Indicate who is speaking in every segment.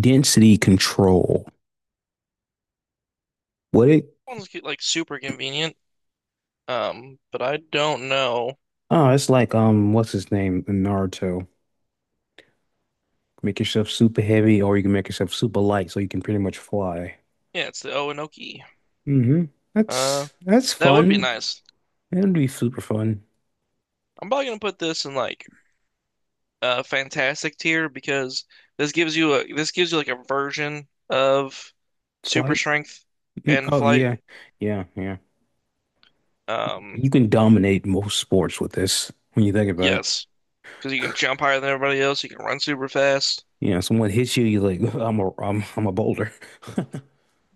Speaker 1: Density control. What it?
Speaker 2: One's like super convenient. But I don't know.
Speaker 1: Oh, it's like what's his name in Naruto? Make yourself super heavy, or you can make yourself super light, so you can pretty much fly.
Speaker 2: Yeah, it's the Oenoki.
Speaker 1: Mm-hmm.
Speaker 2: Uh,
Speaker 1: That's
Speaker 2: that would be
Speaker 1: fun.
Speaker 2: nice.
Speaker 1: It'd be super fun.
Speaker 2: I'm probably gonna put this in like a fantastic tier because this gives you like a version of super
Speaker 1: Flight.
Speaker 2: strength
Speaker 1: Mm,
Speaker 2: and
Speaker 1: oh
Speaker 2: flight.
Speaker 1: yeah, yeah, yeah.
Speaker 2: Um,
Speaker 1: You can dominate most sports with this when you think about it.
Speaker 2: yes, because you can jump higher than everybody else. You can run super fast.
Speaker 1: Yeah, someone hits you, you're like, I'm a I'm a boulder.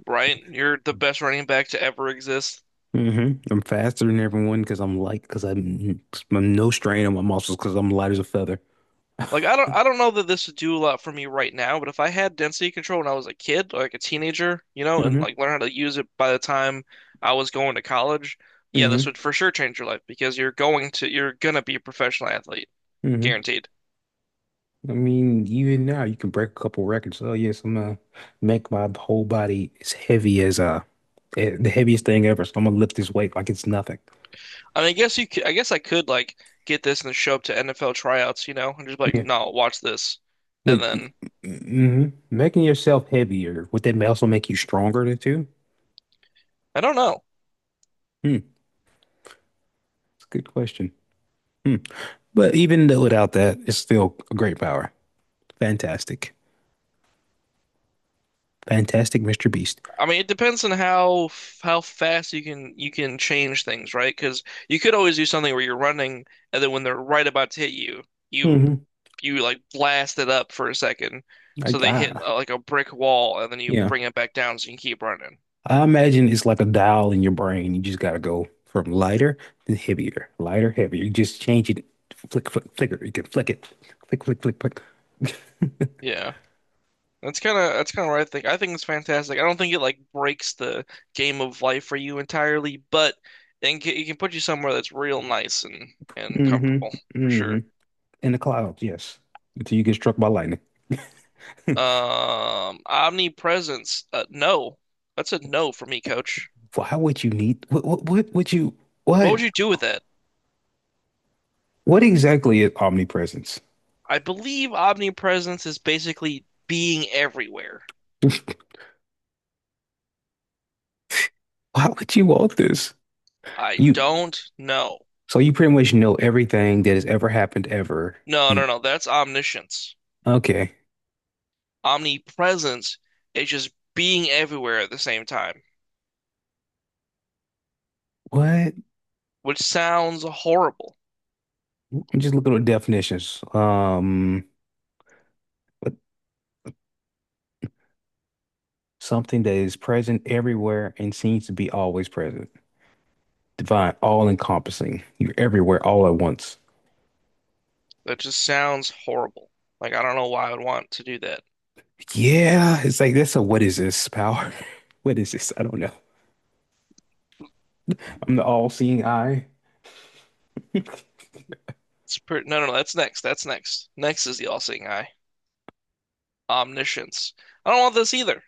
Speaker 2: Right? You're the best running back to ever exist.
Speaker 1: Hmm, I'm faster than everyone because I'm light, I'm no strain on my muscles because I'm light as a feather.
Speaker 2: Like I don't know that this would do a lot for me right now, but if I had density control when I was a kid, like a teenager, you know, and
Speaker 1: Hmm.
Speaker 2: like learn how to use it by the time I was going to college, yeah, this
Speaker 1: Hmm.
Speaker 2: would for sure change your life because you're going to you're gonna be a professional athlete,
Speaker 1: Hmm.
Speaker 2: guaranteed.
Speaker 1: I mean, even now you can break a couple records. Oh yes, I'm gonna make my whole body as heavy as the heaviest thing ever. So I'm gonna lift this weight like it's nothing.
Speaker 2: I mean, I guess I could like get this and show up to NFL tryouts, you know, and just be like,
Speaker 1: Yeah,
Speaker 2: no, watch this,
Speaker 1: like
Speaker 2: and then
Speaker 1: mm-hmm. Making yourself heavier, would that also make you stronger than too?
Speaker 2: I don't know.
Speaker 1: Hmm, it's a good question. Hmm. But even though without that, it's still a great power. Fantastic, fantastic, Mr. Beast.
Speaker 2: I mean, it depends on how fast you can change things, right? Because you could always do something where you're running, and then when they're right about to hit you, you
Speaker 1: Hmm.
Speaker 2: you like blast it up for a second,
Speaker 1: I,
Speaker 2: so they hit
Speaker 1: I
Speaker 2: like a brick wall, and then you
Speaker 1: yeah.
Speaker 2: bring it back down so you can keep running.
Speaker 1: I imagine it's like a dial in your brain. You just gotta go from lighter to heavier, lighter, heavier. You just change it, flick, flick, flicker. You can flick it, flick, flick, flick, flick.
Speaker 2: Yeah, that's kind of what I think. I think it's fantastic. I don't think it like breaks the game of life for you entirely, but it can put you somewhere that's real nice and
Speaker 1: Hmm.
Speaker 2: comfortable for
Speaker 1: Hmm.
Speaker 2: sure.
Speaker 1: In the clouds, yes. Until you get struck by lightning.
Speaker 2: Omnipresence. No, that's a no for me, coach.
Speaker 1: Why would you need? What? What? What would you?
Speaker 2: What
Speaker 1: What?
Speaker 2: would you do with that?
Speaker 1: What exactly is omnipresence?
Speaker 2: I believe omnipresence is basically being everywhere.
Speaker 1: Why would you want this?
Speaker 2: I
Speaker 1: You.
Speaker 2: don't know.
Speaker 1: So you pretty much know everything that has ever happened ever.
Speaker 2: No,
Speaker 1: And
Speaker 2: no, no. That's omniscience.
Speaker 1: okay,
Speaker 2: Omnipresence is just being everywhere at the same time,
Speaker 1: what?
Speaker 2: which sounds horrible.
Speaker 1: I'm just looking at definitions. Something that is present everywhere and seems to be always present. Divine, all encompassing. You're everywhere all at once.
Speaker 2: That just sounds horrible. Like I don't know why I would want to do that.
Speaker 1: Yeah, it's like that's a what is this power? What is this? I don't know. I'm the all-seeing eye.
Speaker 2: It's pretty. No, no, no. That's next. That's next. Next is the all-seeing eye. Omniscience. I don't want this either.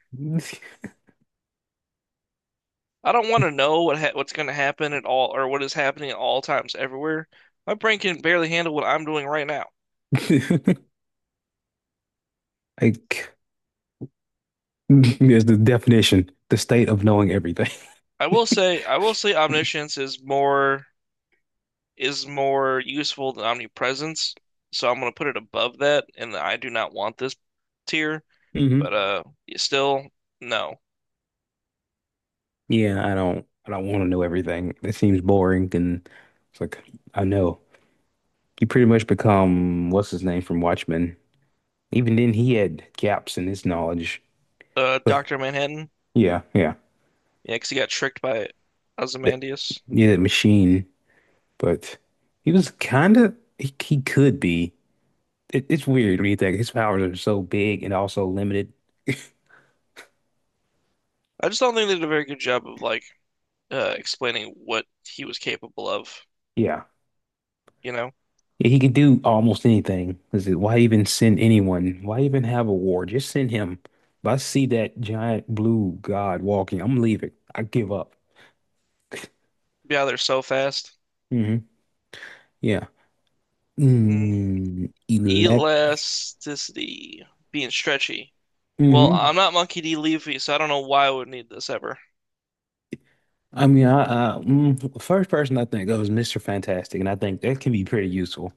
Speaker 2: I don't want to know what's going to happen at all or what is happening at all times everywhere. My brain can barely handle what I'm doing right now.
Speaker 1: Like there's the definition, the state of knowing everything.
Speaker 2: I will say omniscience is more useful than omnipresence. So I'm going to put it above that and I do not want this tier, but
Speaker 1: Mhm.
Speaker 2: still no.
Speaker 1: Yeah, I don't want to know everything. It seems boring and it's like I know. You pretty much become what's his name from Watchmen. Even then he had gaps in his knowledge. But
Speaker 2: Dr. Manhattan,
Speaker 1: yeah, yeah.
Speaker 2: yeah, 'cause he got tricked by
Speaker 1: But,
Speaker 2: Ozymandias.
Speaker 1: yeah, that machine. But he was kinda he could be. It's weird when you think his powers are so big and also limited.
Speaker 2: I just don't think they did a very good job of like explaining what he was capable of,
Speaker 1: Yeah.
Speaker 2: you know?
Speaker 1: Yeah, he can do almost anything. Is it, why even send anyone? Why even have a war? Just send him. If I see that giant blue god walking, I'm leaving. I give up.
Speaker 2: Be out there so fast.
Speaker 1: Hmm. Yeah.
Speaker 2: Mm.
Speaker 1: Mm, elect.
Speaker 2: Elasticity. Being stretchy. Well,
Speaker 1: Hmm.
Speaker 2: I'm not Monkey D. Luffy, so I don't know why I would need this ever.
Speaker 1: I mean, the first person I think of is Mr. Fantastic, and I think that can be pretty useful.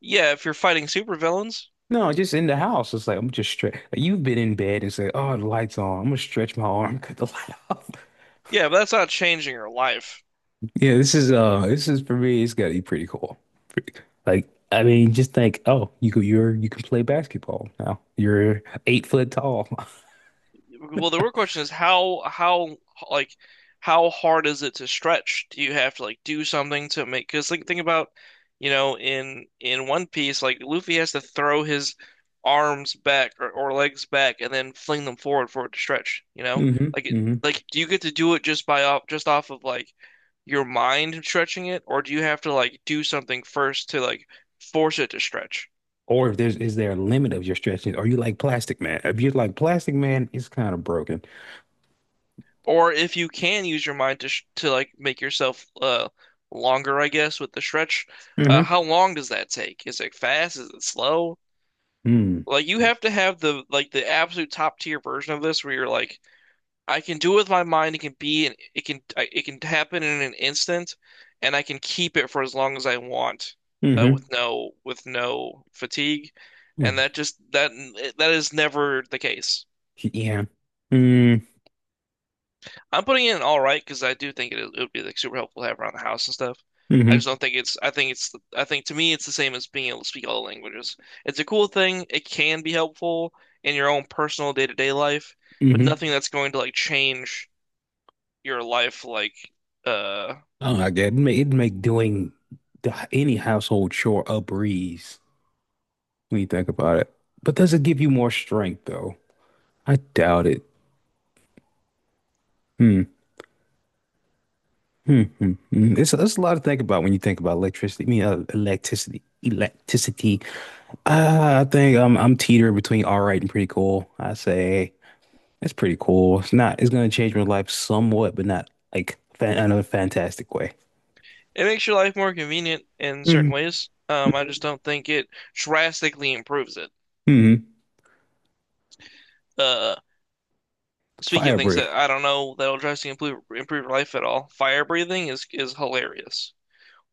Speaker 2: Yeah, if you're fighting supervillains.
Speaker 1: No, just in the house. It's like I'm just stretch. You've been in bed and say, "Oh, the light's on." I'm gonna stretch my arm, cut the light off.
Speaker 2: Yeah, but that's not changing your life.
Speaker 1: Yeah, this is for me it's gotta be pretty cool. Pretty- Like I mean just think, oh, you could you're you can play basketball now. You're 8 foot tall.
Speaker 2: Well, the real question is how like how hard is it to stretch? Do you have to like do something to make? Because like think about you know in One Piece like Luffy has to throw his arms back or legs back and then fling them forward for it to stretch. You know
Speaker 1: Hmm.
Speaker 2: like
Speaker 1: Hmm.
Speaker 2: like do you get to do it just by off just off of like your mind stretching it, or do you have to like do something first to like force it to stretch?
Speaker 1: Or if there's is there a limit of your stretching? Are you like Plastic Man? If you're like Plastic Man, it's kind of broken.
Speaker 2: Or if you can use your mind to sh to like make yourself longer, I guess, with the stretch,
Speaker 1: Hmm.
Speaker 2: how long does that take? Is it fast? Is it slow?
Speaker 1: Mm.
Speaker 2: Like you have to have the like the absolute top tier version of this where you're like, I can do it with my mind. It can be, it can happen in an instant, and I can keep it for as long as I want, with
Speaker 1: Mm-hmm.
Speaker 2: with no fatigue, and
Speaker 1: Mm.
Speaker 2: that just that that is never the case.
Speaker 1: Yeah. Mm.
Speaker 2: I'm putting it in all right because I do think it would be like super helpful to have around the house and stuff. I just
Speaker 1: Mm-hmm.
Speaker 2: don't think it's. I think it's. I think to me, it's the same as being able to speak all the languages. It's a cool thing. It can be helpful in your own personal day-to-day life, but
Speaker 1: Mm-hmm.
Speaker 2: nothing that's going to like change your life. Like, uh,
Speaker 1: Oh, I get it. Make, it'd make doing the, any household chore a breeze when you think about it. But does it give you more strength though? I doubt it. Hmm. Hmm. Hmm. Hmm. It's a lot to think about when you think about electricity. I mean, electricity. Electricity. I think I'm teetering between all right and pretty cool. I say it's pretty cool. It's not. It's gonna change my life somewhat, but not like fan, in a fantastic way.
Speaker 2: it makes your life more convenient in certain
Speaker 1: Hmm.
Speaker 2: ways. I just don't think it drastically improves it.
Speaker 1: Hmm.
Speaker 2: Uh, Speaking of
Speaker 1: Fire
Speaker 2: things
Speaker 1: breath.
Speaker 2: that I don't know that'll drastically improve your life at all, fire breathing is hilarious.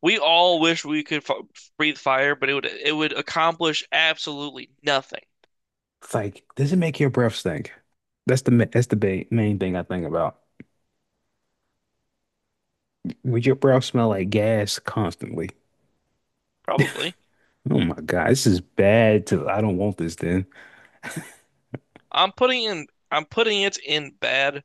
Speaker 2: We all wish we could f breathe fire, but it would accomplish absolutely nothing.
Speaker 1: It's like, does it make your breath stink? That's the ma- that's the ba main thing I think about. Would your breath smell like gas constantly?
Speaker 2: Probably.
Speaker 1: Oh my God, this is bad. To I don't want this then.
Speaker 2: I'm putting it in bad,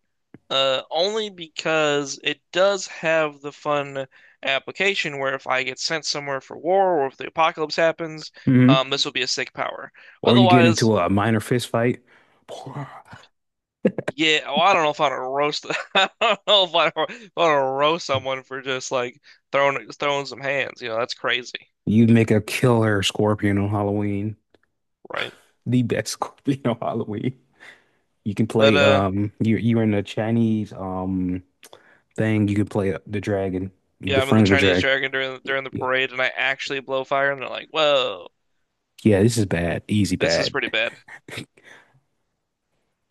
Speaker 2: only because it does have the fun application where if I get sent somewhere for war or if the apocalypse happens, this will be a sick power.
Speaker 1: Or you get
Speaker 2: Otherwise,
Speaker 1: into a minor fist fight.
Speaker 2: yeah. Oh, I don't know if I'd roast. I don't know if I'd roast someone for just like throwing some hands. You know, that's crazy,
Speaker 1: You make a killer scorpion on Halloween.
Speaker 2: right?
Speaker 1: The best scorpion on Halloween. You can
Speaker 2: But
Speaker 1: play you you're in a Chinese thing, you can play the dragon,
Speaker 2: yeah,
Speaker 1: the
Speaker 2: I'm in the
Speaker 1: front of the
Speaker 2: Chinese
Speaker 1: dragon.
Speaker 2: Dragon during the
Speaker 1: Yeah.
Speaker 2: parade, and I actually blow fire, and they're like, "Whoa,
Speaker 1: Yeah, this is bad. Easy
Speaker 2: this is
Speaker 1: bad.
Speaker 2: pretty bad."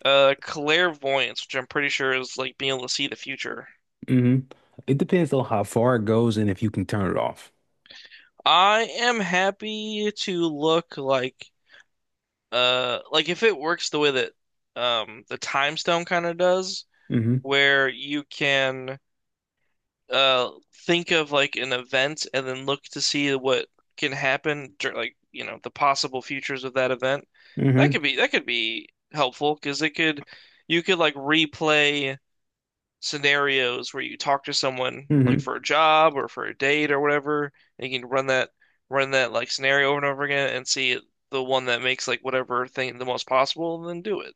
Speaker 2: Clairvoyance, which I'm pretty sure is like being able to see the future.
Speaker 1: Hmm. It depends on how far it goes and if you can turn it off.
Speaker 2: I am happy to look like if it works the way that the time stone kind of does,
Speaker 1: Hmm.
Speaker 2: where you can uh think of like an event and then look to see what can happen dur like you know the possible futures of that event
Speaker 1: Hmm.
Speaker 2: that could be helpful because it could you could like replay scenarios where you talk to someone like
Speaker 1: Hmm.
Speaker 2: for a job or for a date or whatever and you can run that like scenario over and over again and see the one that makes like whatever thing the most possible and then do it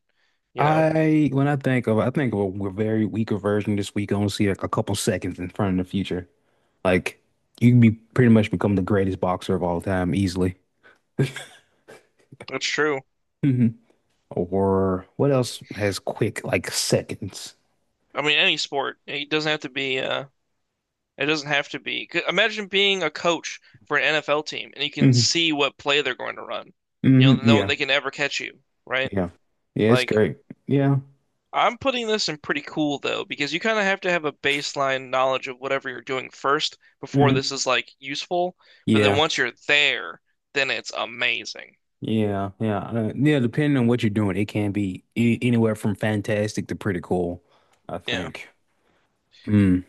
Speaker 2: you know
Speaker 1: I when I think of a, very weaker version this week. I only see like a couple seconds in front of the future. Like you can be pretty much become the greatest boxer of all time easily.
Speaker 2: that's true.
Speaker 1: Hmm. Or what else has quick like seconds?
Speaker 2: I mean any sport it doesn't have to be it doesn't have to be. 'Cause imagine being a coach for an NFL team and you can
Speaker 1: Hmm.
Speaker 2: see what play they're going to run. You
Speaker 1: Hmm.
Speaker 2: know, no,
Speaker 1: Yeah.
Speaker 2: they can never catch you, right?
Speaker 1: Yeah. Yeah, it's
Speaker 2: Like,
Speaker 1: great. Yeah.
Speaker 2: I'm putting this in pretty cool though, because you kind of have to have a baseline knowledge of whatever you're doing first before this
Speaker 1: Hmm.
Speaker 2: is like useful. But then
Speaker 1: Yeah.
Speaker 2: once you're there, then it's amazing.
Speaker 1: Yeah. Yeah. Yeah, depending on what you're doing, it can be a- anywhere from fantastic to pretty cool, I
Speaker 2: Yeah.
Speaker 1: think. Mm.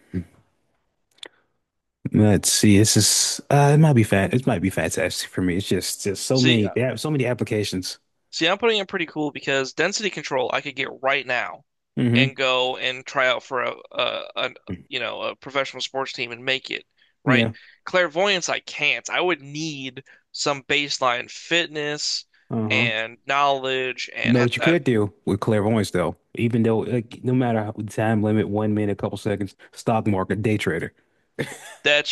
Speaker 1: Let's see. This is it might be fat. It might be fantastic for me. It's just so
Speaker 2: See,
Speaker 1: many. They have so many applications.
Speaker 2: See, I'm putting in pretty cool because density control I could get right now
Speaker 1: Hmm.
Speaker 2: and go and try out for a you know a professional sports team and make it, right?
Speaker 1: Yeah.
Speaker 2: Clairvoyance I can't. I would need some baseline fitness
Speaker 1: Uh-huh.
Speaker 2: and knowledge and
Speaker 1: Know
Speaker 2: ha
Speaker 1: what you
Speaker 2: that,
Speaker 1: could do with clairvoyance, though, even though like no matter how time limit, 1 minute, couple seconds, stock market, day trader,
Speaker 2: that's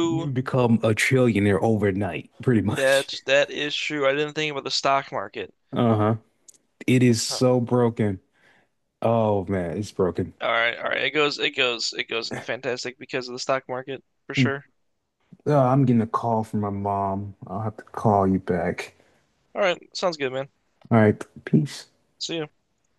Speaker 1: you become a trillionaire overnight, pretty much.
Speaker 2: That is true. I didn't think about the stock market.
Speaker 1: Uh-huh. It is
Speaker 2: Huh.
Speaker 1: so broken. Oh man, it's broken.
Speaker 2: All right, all right. It goes it goes it goes into fantastic because of the stock market for
Speaker 1: Mm.
Speaker 2: sure.
Speaker 1: Oh, I'm getting a call from my mom. I'll have to call you back.
Speaker 2: All right, sounds good, man.
Speaker 1: All right, peace.
Speaker 2: See you.